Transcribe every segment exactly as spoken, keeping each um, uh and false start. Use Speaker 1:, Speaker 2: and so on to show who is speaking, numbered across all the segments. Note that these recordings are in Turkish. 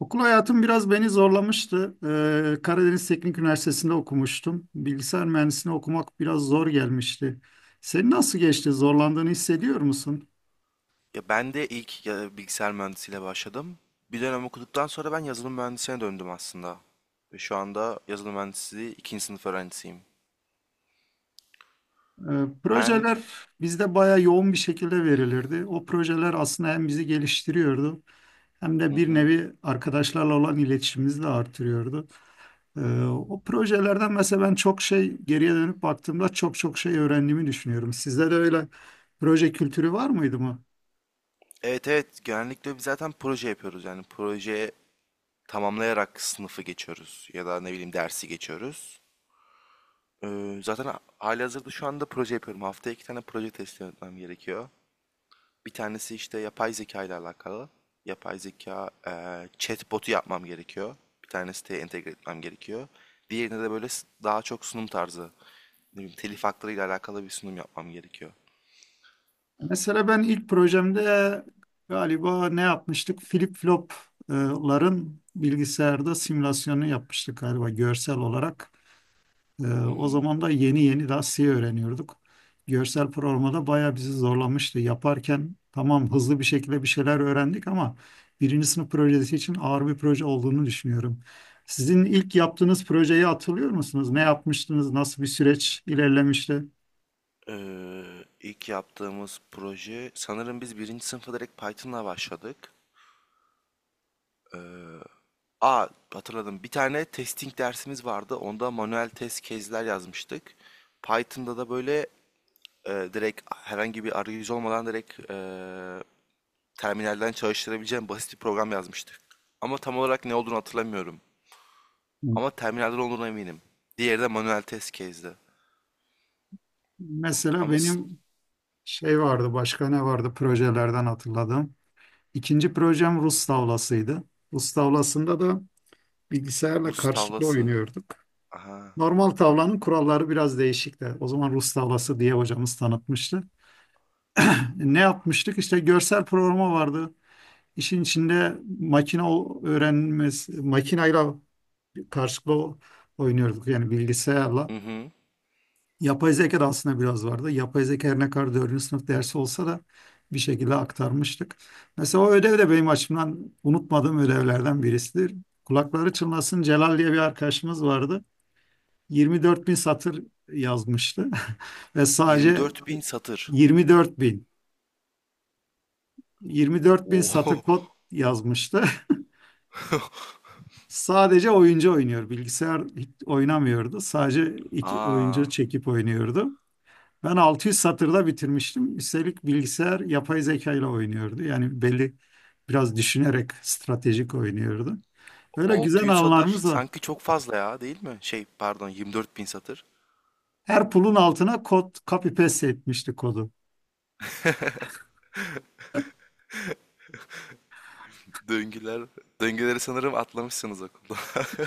Speaker 1: Okul hayatım biraz beni zorlamıştı. Ee, Karadeniz Teknik Üniversitesi'nde okumuştum. Bilgisayar mühendisliğini okumak biraz zor gelmişti. Senin nasıl geçti? Zorlandığını hissediyor musun?
Speaker 2: Ya ben de ilk ya, bilgisayar mühendisiyle başladım. Bir dönem okuduktan sonra ben yazılım mühendisine döndüm aslında. Ve şu anda yazılım mühendisliği ikinci sınıf öğrencisiyim.
Speaker 1: Ee,
Speaker 2: Ben
Speaker 1: projeler bizde bayağı yoğun bir şekilde verilirdi. O projeler aslında hem bizi geliştiriyordu hem
Speaker 2: hı
Speaker 1: de bir
Speaker 2: hı.
Speaker 1: nevi arkadaşlarla olan iletişimimizi de artırıyordu. Ee, o projelerden mesela ben çok şey geriye dönüp baktığımda çok çok şey öğrendiğimi düşünüyorum. Sizde de öyle proje kültürü var mıydı mı?
Speaker 2: Evet evet, genellikle biz zaten proje yapıyoruz. Yani proje tamamlayarak sınıfı geçiyoruz ya da ne bileyim dersi geçiyoruz. Ee, zaten ha- halihazırda şu anda proje yapıyorum. Haftaya iki tane proje teslim etmem gerekiyor. Bir tanesi işte yapay zeka ile alakalı. Yapay zeka eee chatbot'u yapmam gerekiyor. Bir tane siteye entegre etmem gerekiyor. Diğerinde de böyle s- daha çok sunum tarzı. Ne bileyim, telif haklarıyla alakalı bir sunum yapmam gerekiyor.
Speaker 1: Mesela ben ilk projemde galiba ne yapmıştık? Flip flopların bilgisayarda simülasyonu yapmıştık galiba görsel olarak. Ee,
Speaker 2: Hı
Speaker 1: o
Speaker 2: hı.
Speaker 1: zaman da yeni yeni daha C öğreniyorduk. Görsel programda bayağı bizi zorlamıştı. Yaparken tamam hızlı bir şekilde bir şeyler öğrendik ama birinci sınıf projesi için ağır bir proje olduğunu düşünüyorum. Sizin ilk yaptığınız projeyi hatırlıyor musunuz? Ne yapmıştınız? Nasıl bir süreç ilerlemişti?
Speaker 2: Eee, ilk yaptığımız proje sanırım biz birinci sınıfa direkt Python'la başladık. Eee aa Hatırladım. Bir tane testing dersimiz vardı. Onda manuel test case'ler yazmıştık. Python'da da böyle e, direkt herhangi bir arayüz olmadan direkt e, terminalden çalıştırabileceğim basit bir program yazmıştık. Ama tam olarak ne olduğunu hatırlamıyorum. Ama terminalden olduğuna eminim. Diğeri de manuel test case'di.
Speaker 1: Mesela
Speaker 2: Ama s-
Speaker 1: benim şey vardı, başka ne vardı projelerden hatırladım. İkinci projem Rus tavlasıydı. Rus tavlasında da bilgisayarla
Speaker 2: Rus
Speaker 1: karşılıklı
Speaker 2: tavlası.
Speaker 1: oynuyorduk.
Speaker 2: Aha.
Speaker 1: Normal tavlanın kuralları biraz değişikti. O zaman Rus tavlası diye hocamız tanıtmıştı. Ne yapmıştık? İşte görsel programa vardı. İşin içinde makine öğrenmesi, makinayla karşılıklı o- oynuyorduk. Yani bilgisayarla.
Speaker 2: Hı hı.
Speaker 1: Yapay zeka da aslında biraz vardı. Yapay zeka her ne kadar dördüncü sınıf dersi olsa da bir şekilde aktarmıştık. Mesela o ödev de benim açımdan unutmadığım ödevlerden birisidir. Kulakları çınlasın Celal diye bir arkadaşımız vardı. yirmi dört bin satır yazmıştı ve sadece
Speaker 2: yirmi dört bin satır.
Speaker 1: yirmi dört bin yirmi dört bin satır
Speaker 2: Oo.
Speaker 1: kod yazmıştı. Sadece oyuncu oynuyor. Bilgisayar hiç oynamıyordu. Sadece iki oyuncu
Speaker 2: Aa.
Speaker 1: çekip oynuyordu. Ben altı yüz satırda bitirmiştim. Üstelik bilgisayar yapay zeka ile oynuyordu. Yani belli biraz düşünerek stratejik oynuyordu. Öyle güzel
Speaker 2: altı yüz satır
Speaker 1: anılarımız var.
Speaker 2: sanki çok fazla ya, değil mi? Şey, pardon, yirmi dört bin satır.
Speaker 1: Her pulun altına kod copy paste etmişti kodu.
Speaker 2: Döngüler, Döngüleri sanırım atlamışsınız okulda.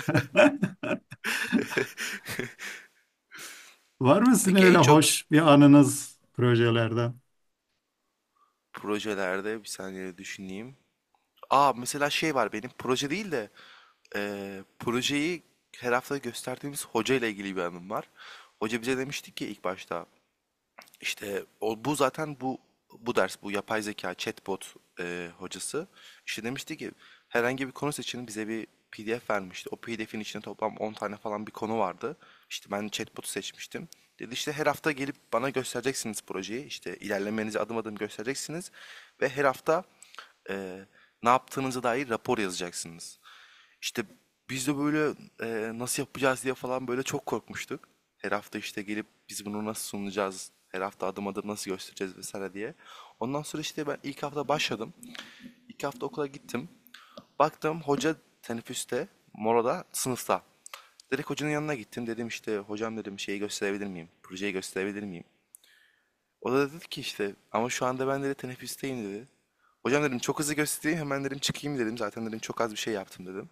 Speaker 1: Var mı sizin
Speaker 2: Peki, en
Speaker 1: öyle
Speaker 2: çok
Speaker 1: hoş bir anınız projelerden?
Speaker 2: projelerde bir saniye düşüneyim. Aa, mesela şey var, benim proje değil de eee, projeyi her hafta gösterdiğimiz hoca ile ilgili bir anım var. Hoca bize demişti ki ilk başta işte o, bu zaten bu bu ders, bu yapay zeka chatbot e, hocası işte demişti ki herhangi bir konu seçin, bize bir P D F vermişti. O P D F'in içinde toplam on tane falan bir konu vardı. İşte ben chatbot'u seçmiştim. Dedi işte her hafta gelip bana göstereceksiniz projeyi. İşte ilerlemenizi adım adım göstereceksiniz ve her hafta e, ne yaptığınıza dair rapor yazacaksınız. İşte biz de böyle e, nasıl yapacağız diye falan böyle çok korkmuştuk. Her hafta işte gelip biz bunu nasıl sunacağız, her hafta adım adım nasıl göstereceğiz vesaire diye. Ondan sonra işte ben ilk hafta başladım. İlk hafta okula gittim. Baktım hoca teneffüste, molada, sınıfta. Direkt hocanın yanına gittim. Dedim işte hocam, dedim, şeyi gösterebilir miyim? Projeyi gösterebilir miyim? O da dedi ki işte ama şu anda ben, dedi, teneffüsteyim, dedi. Hocam, dedim, çok hızlı göstereyim hemen, dedim, çıkayım, dedim. Zaten, dedim, çok az bir şey yaptım, dedim.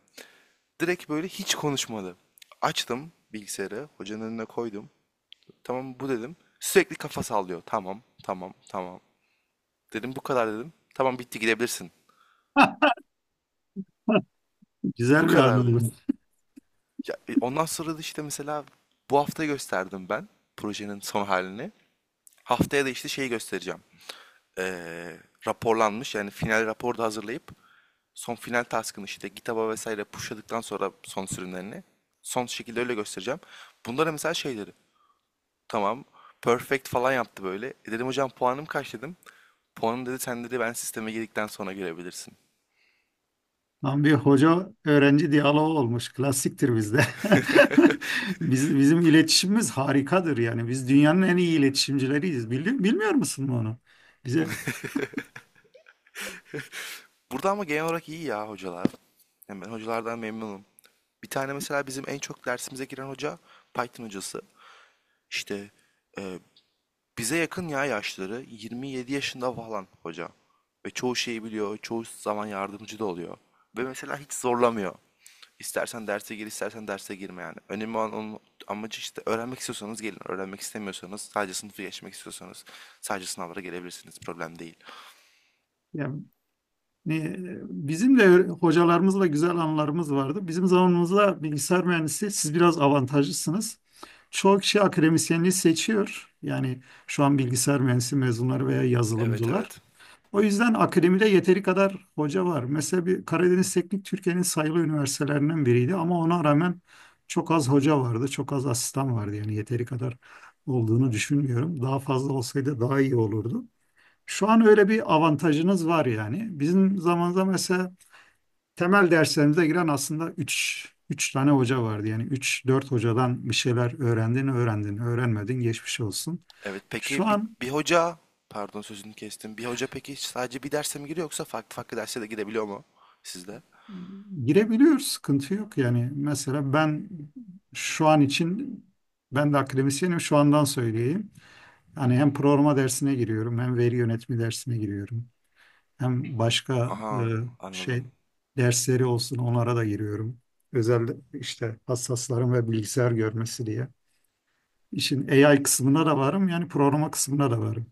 Speaker 2: Direkt böyle hiç konuşmadı. Açtım bilgisayarı, hocanın önüne koydum. Tamam bu, dedim. Sürekli kafa sallıyor. Tamam, tamam, tamam. Dedim bu kadar, dedim. Tamam, bitti, gidebilirsin. Bu
Speaker 1: Güzel bir anı olur.
Speaker 2: kadardı. Ya, e, ondan sonra da işte mesela bu hafta gösterdim ben projenin son halini. Haftaya da işte şeyi göstereceğim. Ee, Raporlanmış, yani final raporu da hazırlayıp son final taskını işte GitHub'a vesaire pushladıktan sonra son sürümlerini son şekilde öyle göstereceğim. Bunlara mesela şeyleri. Tamam. Perfect falan yaptı böyle. E dedim hocam, puanım kaç, dedim. Puanım, dedi, sen, dedi, ben sisteme girdikten sonra görebilirsin.
Speaker 1: Tam bir hoca öğrenci diyaloğu olmuş. Klasiktir bizde. Biz, bizim iletişimimiz harikadır yani. Biz dünyanın en iyi iletişimcileriyiz. Bili- bilmiyor musun bunu? Bize
Speaker 2: Burada ama genel olarak iyi ya hocalar. Yani ben hocalardan memnunum. Bir tane mesela bizim en çok dersimize giren hoca Python hocası. İşte e, bize yakın ya yaşları. yirmi yedi yaşında falan hoca. Ve çoğu şeyi biliyor. Çoğu zaman yardımcı da oluyor. Ve mesela hiç zorlamıyor. İstersen derse gir, istersen derse girme yani. Önemli olan onun amacı işte öğrenmek istiyorsanız gelin. Öğrenmek istemiyorsanız, sadece sınıfı geçmek istiyorsanız sadece sınavlara gelebilirsiniz. Problem değil.
Speaker 1: yani ne- bizim de öyle- hocalarımızla güzel anılarımız vardı. Bizim zamanımızda bilgisayar mühendisi siz biraz avantajlısınız. Çoğu kişi akademisyenliği seçiyor. Yani şu an bilgisayar mühendisi mezunları veya
Speaker 2: Evet,
Speaker 1: yazılımcılar.
Speaker 2: evet.
Speaker 1: O yüzden akademide yeteri kadar hoca var. Mesela bir Karadeniz Teknik Türkiye'nin sayılı üniversitelerinden biriydi ama ona rağmen çok az hoca vardı, çok az asistan vardı. Yani yeteri kadar olduğunu düşünmüyorum. Daha fazla olsaydı daha iyi olurdu. Şu an öyle bir avantajınız var yani. Bizim zamanımızda mesela temel derslerimize giren aslında üç üç tane hoca vardı. Yani üç dört hocadan bir şeyler öğrendin, öğrendin, öğrenmedin geçmiş olsun.
Speaker 2: Evet,
Speaker 1: Şu
Speaker 2: peki bir,
Speaker 1: an.
Speaker 2: bir hoca, pardon sözünü kestim. Bir hoca peki sadece bir derse mi giriyor yoksa farklı farklı derse de girebiliyor mu sizde?
Speaker 1: Girebiliyor, sıkıntı yok yani. Mesela ben şu an için ben de akademisyenim şu andan söyleyeyim.
Speaker 2: Hı
Speaker 1: Yani hem
Speaker 2: hı.
Speaker 1: programa dersine giriyorum, hem veri yönetimi dersine giriyorum. Hem başka e,
Speaker 2: Aha,
Speaker 1: şey
Speaker 2: anladım.
Speaker 1: dersleri olsun onlara da giriyorum. Özel işte hassasların ve bilgisayar görmesi diye. İşin A I kısmına da varım yani programa kısmına da varım.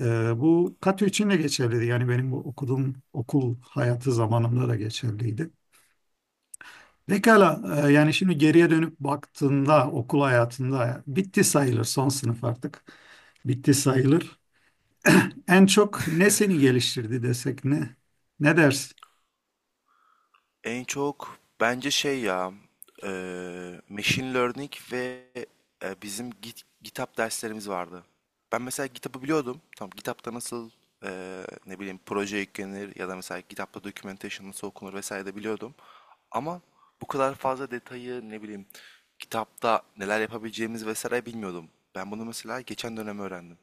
Speaker 1: E, bu katı için de geçerliydi. Yani benim bu okuduğum okul hayatı zamanımda da geçerliydi. Pekala, e, yani şimdi geriye dönüp baktığında okul hayatında bitti sayılır son sınıf artık. Bitti sayılır. En çok ne seni geliştirdi desek ne? Ne dersin?
Speaker 2: En çok bence şey ya e, machine learning ve e, bizim Git, GitHub derslerimiz vardı. Ben mesela GitHub'ı biliyordum. Tamam, GitHub'da nasıl e, ne bileyim proje yüklenir ya da mesela GitHub'da documentation nasıl okunur vesaire de biliyordum. Ama bu kadar fazla detayı ne bileyim kitapta neler yapabileceğimiz vesaire bilmiyordum. Ben bunu mesela geçen dönem öğrendim.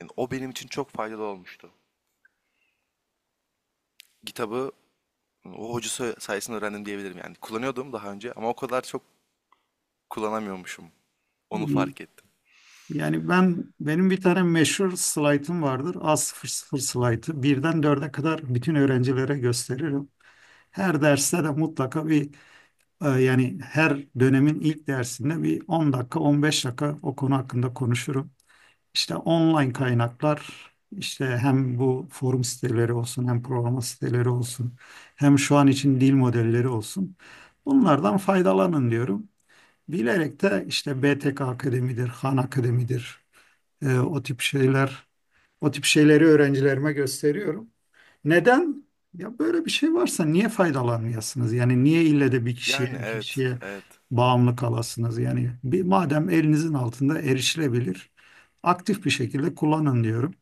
Speaker 2: Yani o benim için çok faydalı olmuştu. Kitabı o hocası sayesinde öğrendim diyebilirim yani. Kullanıyordum daha önce ama o kadar çok kullanamıyormuşum. Onu
Speaker 1: İyi.
Speaker 2: fark ettim.
Speaker 1: Yani ben benim bir tane meşhur slaytım vardır. A sıfır sıfır slaytı. Birden dörde kadar bütün öğrencilere gösteririm. Her derste de mutlaka bir e, yani her dönemin ilk dersinde bir on dakika on beş dakika o konu hakkında konuşurum. İşte online kaynaklar, işte hem bu forum siteleri olsun, hem programa siteleri olsun, hem şu an için dil modelleri olsun. Bunlardan faydalanın diyorum. Bilerek de işte B T K Akademi'dir, Han Akademi'dir, e, o tip şeyler o tip şeyleri öğrencilerime gösteriyorum. Neden? Ya böyle bir şey varsa niye faydalanmayasınız? Yani niye ille de bir kişiye,
Speaker 2: Yani
Speaker 1: iki
Speaker 2: evet,
Speaker 1: kişiye
Speaker 2: evet.
Speaker 1: bağımlı kalasınız? Yani bir, madem elinizin altında erişilebilir, aktif bir şekilde kullanın diyorum.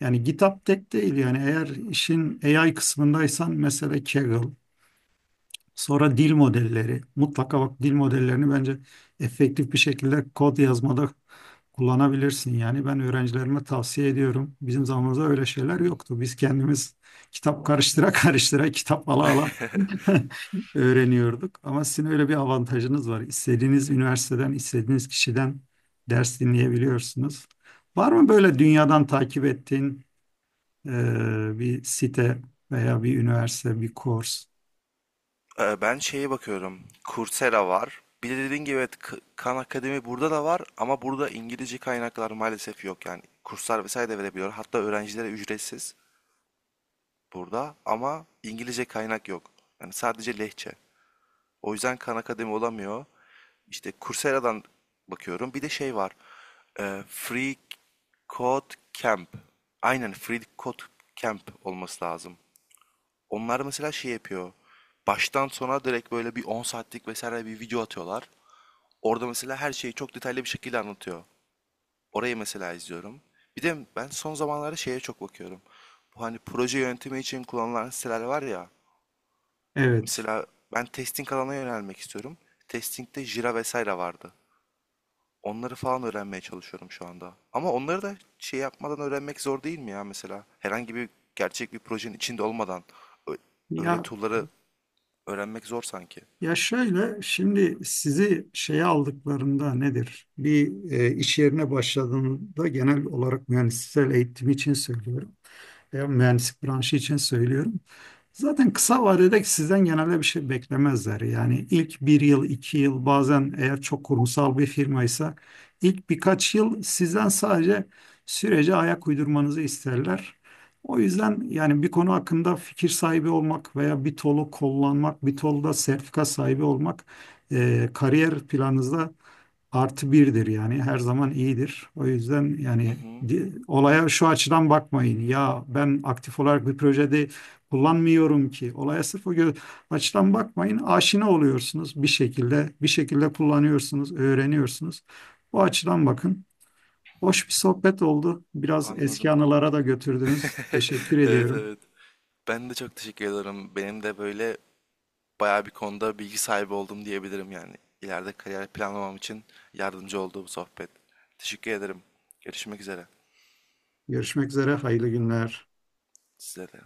Speaker 1: Yani GitHub tek değil yani eğer işin A I kısmındaysan mesela Kaggle. Sonra dil modelleri. Mutlaka bak dil modellerini bence efektif bir şekilde kod yazmada kullanabilirsin. Yani ben öğrencilerime tavsiye ediyorum. Bizim zamanımızda öyle şeyler yoktu. Biz kendimiz kitap karıştıra karıştıra kitap ala ala öğreniyorduk. Ama sizin öyle bir avantajınız var. İstediğiniz üniversiteden, istediğiniz kişiden ders dinleyebiliyorsunuz. Var mı böyle dünyadan takip ettiğin e, bir site veya bir üniversite, bir kurs?
Speaker 2: Ee, ben şeye bakıyorum. Coursera var. Bir de dediğin gibi evet, K- Khan Akademi burada da var ama burada İngilizce kaynaklar maalesef yok. Yani kurslar vesaire de verebiliyor. Hatta öğrencilere ücretsiz burada, ama İngilizce kaynak yok. Yani sadece lehçe. O yüzden Khan Akademi olamıyor. İşte Coursera'dan bakıyorum. Bir de şey var. Ee, Free Code Camp. Aynen, Free Code Camp olması lazım. Onlar mesela şey yapıyor. Baştan sona direkt böyle bir on saatlik vesaire bir video atıyorlar. Orada mesela her şeyi çok detaylı bir şekilde anlatıyor. Orayı mesela izliyorum. Bir de ben son zamanlarda şeye çok bakıyorum. Bu hani proje yönetimi için kullanılan siteler var ya.
Speaker 1: Evet.
Speaker 2: Mesela ben testing alanına yönelmek istiyorum. Testing'de Jira vesaire vardı. Onları falan öğrenmeye çalışıyorum şu anda. Ama onları da şey yapmadan öğrenmek zor değil mi ya, mesela? Herhangi bir gerçek bir projenin içinde olmadan ö- öyle
Speaker 1: Ya
Speaker 2: tool'ları öğrenmek zor sanki.
Speaker 1: Ya şöyle, şimdi sizi şeye aldıklarında nedir? Bir e, iş yerine başladığında genel olarak mühendissel eğitim için söylüyorum. Veya mühendislik branşı için söylüyorum. Zaten kısa vadede sizden genelde bir şey beklemezler. Yani ilk bir yıl, iki yıl bazen eğer çok kurumsal bir firmaysa ilk birkaç yıl sizden sadece sürece ayak uydurmanızı isterler. O yüzden yani bir konu hakkında fikir sahibi olmak veya bir tolu kullanmak, bir tolda sertifika sahibi olmak eee, kariyer planınızda artı birdir yani her zaman iyidir. O yüzden
Speaker 2: Hı
Speaker 1: yani
Speaker 2: hı,
Speaker 1: di- olaya şu açıdan bakmayın. Ya ben aktif olarak bir projede kullanmıyorum ki. Olaya sırf o gö- açıdan bakmayın. Aşina oluyorsunuz bir şekilde. Bir şekilde kullanıyorsunuz, öğreniyorsunuz. Bu açıdan bakın. Hoş bir sohbet oldu. Biraz eski
Speaker 2: anladım.
Speaker 1: anılara da götürdünüz. Teşekkür
Speaker 2: Evet,
Speaker 1: ediyorum.
Speaker 2: evet. Ben de çok teşekkür ederim. Benim de böyle bayağı bir konuda bilgi sahibi oldum diyebilirim yani. İleride kariyer planlamam için yardımcı oldu bu sohbet. Teşekkür ederim. Görüşmek üzere.
Speaker 1: Görüşmek üzere. Hayırlı günler.
Speaker 2: Size de.